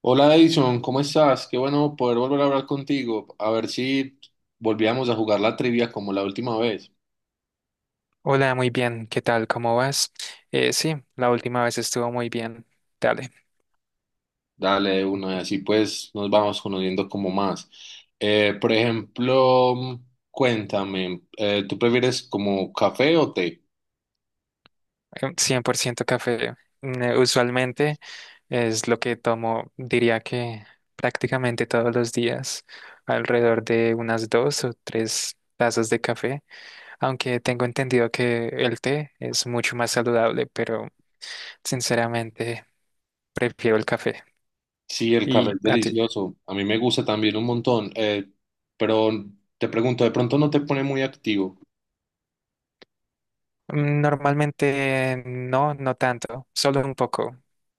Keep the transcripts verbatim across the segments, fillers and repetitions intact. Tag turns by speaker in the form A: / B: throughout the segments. A: Hola Edison, ¿cómo estás? Qué bueno poder volver a hablar contigo. A ver si volvíamos a jugar la trivia como la última vez.
B: Hola, muy bien. ¿Qué tal? ¿Cómo vas? Eh, sí, la última vez estuvo muy bien. Dale,
A: Dale de una y así pues nos vamos conociendo como más. Eh, por ejemplo, cuéntame, eh, ¿tú prefieres como café o té?
B: eh, cien por ciento café. Mm, Usualmente es lo que tomo, diría que prácticamente todos los días, alrededor de unas dos o tres tazas de café, aunque tengo entendido que el té es mucho más saludable, pero sinceramente prefiero el café.
A: Sí, el café
B: ¿Y
A: es
B: a ti?
A: delicioso. A mí me gusta también un montón. Eh, pero te pregunto, ¿de pronto no te pone muy activo?
B: Mm, Normalmente no, no tanto, solo un poco.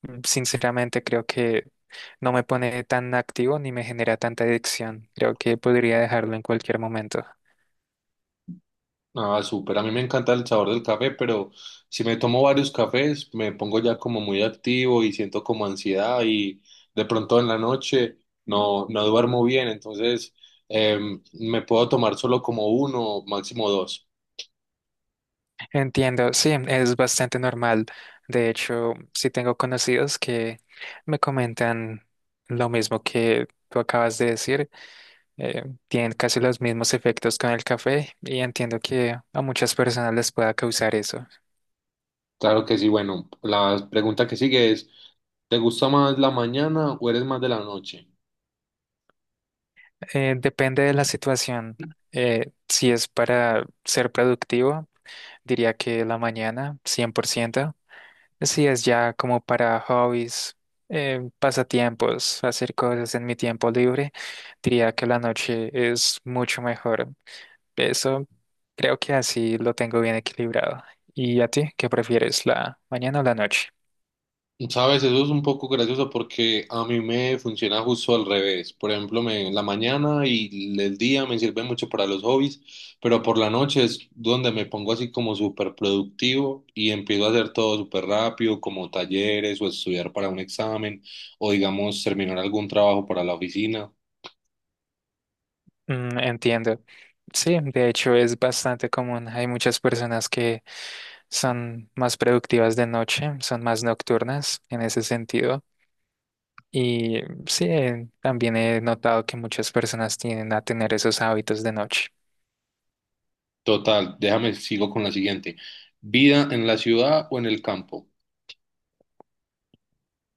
B: Mm, Sinceramente creo que no me pone tan activo ni me genera tanta adicción. Creo que podría dejarlo en cualquier momento.
A: Ah, súper. A mí me encanta el sabor del café, pero si me tomo varios cafés, me pongo ya como muy activo y siento como ansiedad y de pronto en la noche no, no duermo bien. Entonces, em, me puedo tomar solo como uno, máximo dos.
B: Entiendo, sí, es bastante normal. De hecho, sí tengo conocidos que me comentan lo mismo que tú acabas de decir. Eh, tienen casi los mismos efectos con el café y entiendo que a muchas personas les pueda causar eso.
A: Claro que sí. Bueno, la pregunta que sigue es, ¿te gusta más la mañana o eres más de la noche?
B: Eh, depende de la situación. Eh, si es para ser productivo, diría que la mañana, cien por ciento. Así es, ya como para hobbies, eh, pasatiempos, hacer cosas en mi tiempo libre, diría que la noche es mucho mejor. Eso creo que así lo tengo bien equilibrado. ¿Y a ti qué prefieres, la mañana o la noche?
A: Sabes, eso es un poco gracioso porque a mí me funciona justo al revés. Por ejemplo, me, la mañana y el día me sirven mucho para los hobbies, pero por la noche es donde me pongo así como súper productivo y empiezo a hacer todo súper rápido, como talleres o estudiar para un examen o digamos terminar algún trabajo para la oficina.
B: Mm, entiendo. Sí, de hecho es bastante común. Hay muchas personas que son más productivas de noche, son más nocturnas en ese sentido. Y sí, eh, también he notado que muchas personas tienden a tener esos hábitos de noche.
A: Total, déjame, sigo con la siguiente. ¿Vida en la ciudad o en el campo?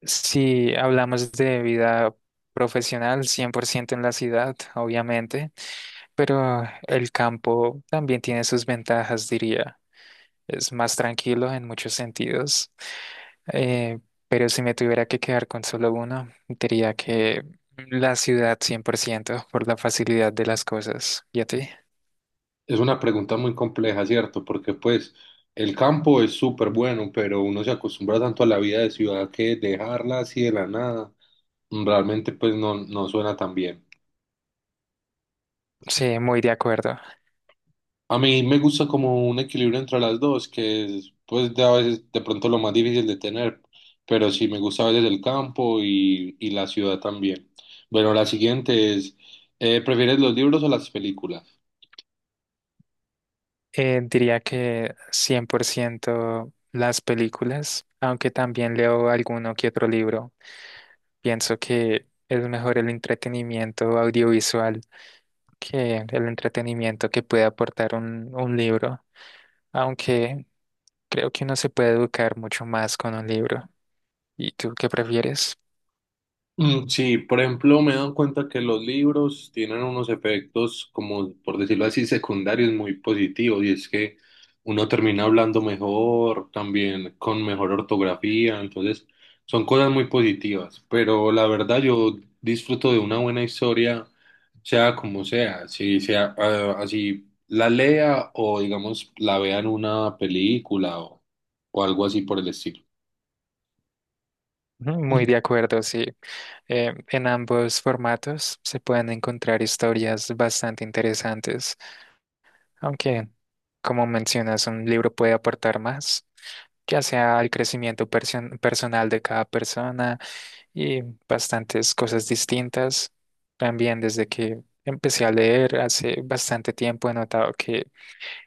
B: Si hablamos de vida profesional, cien por ciento en la ciudad, obviamente, pero el campo también tiene sus ventajas, diría. Es más tranquilo en muchos sentidos, eh, pero si me tuviera que quedar con solo uno, diría que la ciudad cien por ciento por la facilidad de las cosas. ¿Y a ti?
A: Es una pregunta muy compleja, ¿cierto? Porque pues el campo es súper bueno, pero uno se acostumbra tanto a la vida de ciudad que dejarla así de la nada realmente pues no, no suena tan bien.
B: Sí, muy de acuerdo.
A: A mí me gusta como un equilibrio entre las dos, que es pues de a veces de pronto lo más difícil de tener, pero sí me gusta a veces el campo y, y la ciudad también. Bueno, la siguiente es, eh, ¿prefieres los libros o las películas?
B: Eh, diría que cien por ciento las películas, aunque también leo alguno que otro libro. Pienso que es mejor el entretenimiento audiovisual que el entretenimiento que puede aportar un, un libro, aunque creo que uno se puede educar mucho más con un libro. ¿Y tú qué prefieres?
A: Mm, sí, por ejemplo, me he dado cuenta que los libros tienen unos efectos, como por decirlo así, secundarios muy positivos, y es que uno termina hablando mejor, también con mejor ortografía, entonces son cosas muy positivas, pero la verdad yo disfruto de una buena historia, sea como sea, si sea ah, así la lea o digamos la vea en una película o, o algo así por el estilo.
B: Ujú, muy de acuerdo, sí. Eh, en ambos formatos se pueden encontrar historias bastante interesantes. Aunque, como mencionas, un libro puede aportar más, ya sea al crecimiento person- personal de cada persona y bastantes cosas distintas. También desde que empecé a leer hace bastante tiempo he notado que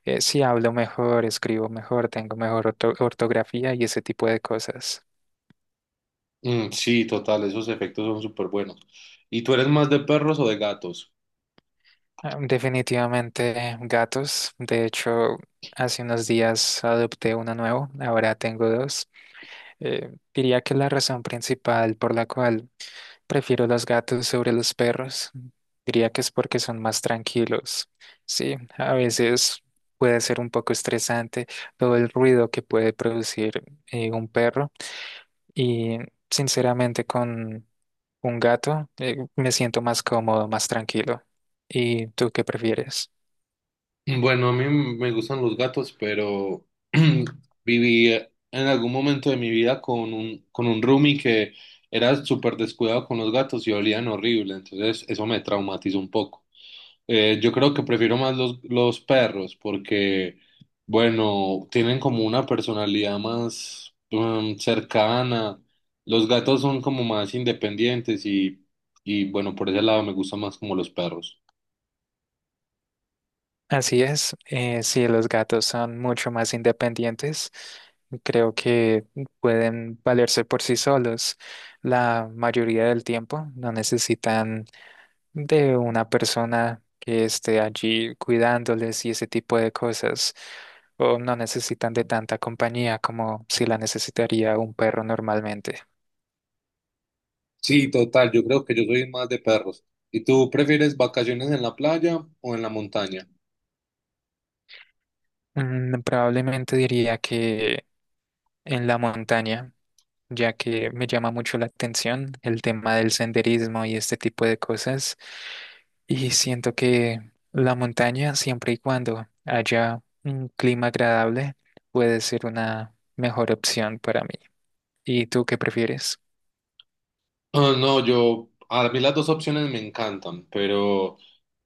B: eh, sí hablo mejor, escribo mejor, tengo mejor orto- ortografía y ese tipo de cosas.
A: Mm, sí, total, esos efectos son súper buenos. ¿Y tú eres más de perros o de gatos?
B: Ah, definitivamente gatos. De hecho, hace unos días adopté uno nuevo, ahora tengo dos. Eh, diría que la razón principal por la cual prefiero los gatos sobre los perros, mm, diría que es porque son más tranquilos. Sí, a veces puede ser un poco estresante todo el ruido que puede producir eh, un perro y sinceramente con un gato, eh, me siento más cómodo, más tranquilo. ¿Y tú qué prefieres?
A: Mm, bueno, a mí me gustan los gatos, pero viví eh, en algún momento de mi vida con un, con un roomie que era súper descuidado con los gatos y olían horrible, entonces eso me traumatizó un poco. Eh, yo creo que prefiero más los, los perros porque, bueno, tienen como una personalidad más mm, cercana. Los gatos son como más independientes y, y, bueno, por ese lado me gustan más como los perros.
B: Así es, eh, sí, los gatos son mucho más independientes. Creo que pueden valerse por sí solos la mayoría del tiempo. No necesitan de una persona que esté allí cuidándoles y ese tipo de cosas. O no necesitan de tanta compañía como si la necesitaría un perro normalmente.
A: Sí, total, yo creo que yo soy más de perros. ¿Y tú prefieres vacaciones en la playa o en la montaña?
B: Mm, probablemente diría que en la montaña, ya que me llama mucho la atención el tema del senderismo y este tipo de cosas. Y siento que la montaña, siempre y cuando haya un clima agradable, puede ser una mejor opción para mí. ¿Y tú qué prefieres?
A: Ah, no, yo, a mí las dos opciones me encantan, pero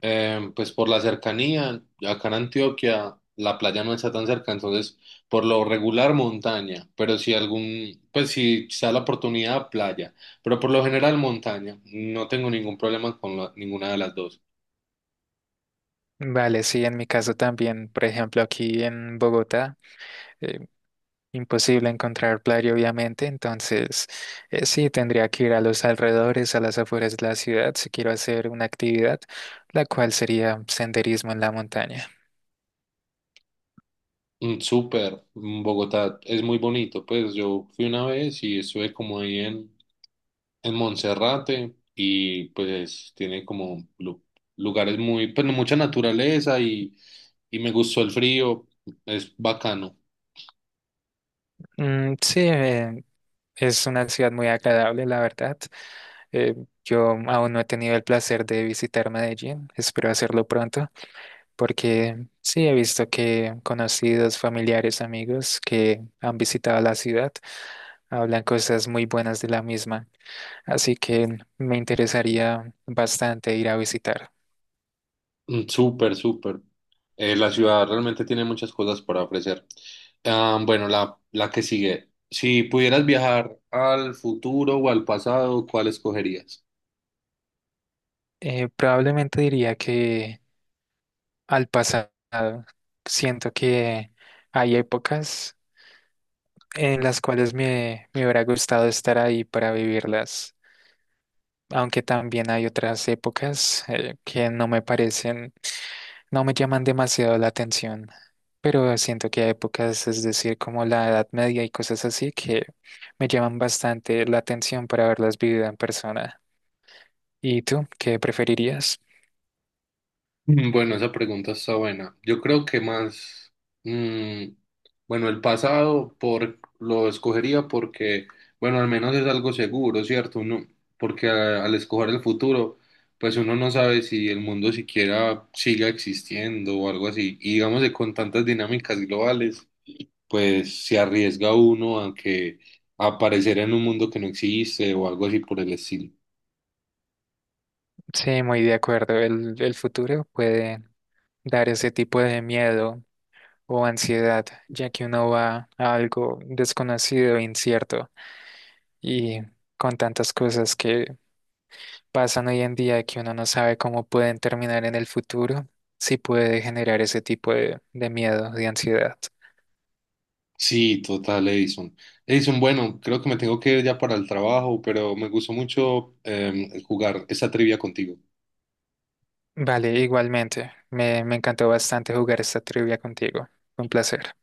A: em, pues por la cercanía, acá en Antioquia la playa no está tan cerca, entonces por lo regular montaña, pero si algún, pues si se da la oportunidad, playa, pero por lo general montaña, no tengo ningún problema con la- ninguna de las dos.
B: Vale, sí, en mi caso también, por ejemplo, aquí en Bogotá, imposible encontrar playa, obviamente, entonces eh, sí tendría que ir a los alrededores, a las afueras de la ciudad, si quiero hacer una actividad, la cual sería senderismo en la montaña.
A: Mm, súper, mm, Bogotá es muy bonito, pues yo fui una vez y estuve como ahí en Monserrate y pues tiene como lu- lugares muy, pues mucha naturaleza y, y me gustó el frío, es bacano.
B: Mm, sí, eh, es una ciudad muy agradable, la verdad. Eh, yo aún no he tenido el placer de visitar Medellín, espero hacerlo pronto, porque sí he visto que conocidos, familiares, amigos que han visitado la ciudad hablan cosas muy buenas de la misma. Así que me interesaría bastante ir a visitar.
A: Mm, súper, súper. Eh, la ciudad realmente tiene muchas cosas para ofrecer. Ah, bueno, la, la que sigue. Si pudieras viajar al futuro o al pasado, ¿cuál escogerías?
B: Eh, probablemente diría que al pasado, siento que hay épocas en las cuales me, me hubiera gustado estar ahí para vivirlas, aunque también hay otras épocas eh, que no me parecen, no me llaman demasiado la atención. Pero siento que hay épocas, es decir, como la Edad Media y cosas así, que me llaman bastante la atención para haberlas vivido en persona. ¿Y tú qué preferirías?
A: Bueno, esa pregunta está buena. Yo creo que más, mm, bueno, el pasado por, lo escogería porque, bueno, al menos es algo seguro, ¿cierto? Uno, porque a- al escoger el futuro, pues uno no sabe si el mundo siquiera siga existiendo o algo así. Y digamos que con tantas dinámicas globales, pues se arriesga uno a que a aparecer en un mundo que no existe o algo así por el estilo.
B: Sí, muy de acuerdo. El, el futuro puede dar ese tipo de miedo o ansiedad, ya que uno va a algo desconocido e incierto y con tantas cosas que pasan hoy en día que uno no sabe cómo pueden terminar en el futuro, sí puede generar ese tipo de, de miedo, de ansiedad.
A: Sí, total, Edison. Edison, bueno, creo que me tengo que ir ya para el trabajo, pero me gustó mucho em, jugar esta trivia contigo.
B: Vale, igualmente. Me, me encantó bastante jugar esta trivia contigo. Un placer.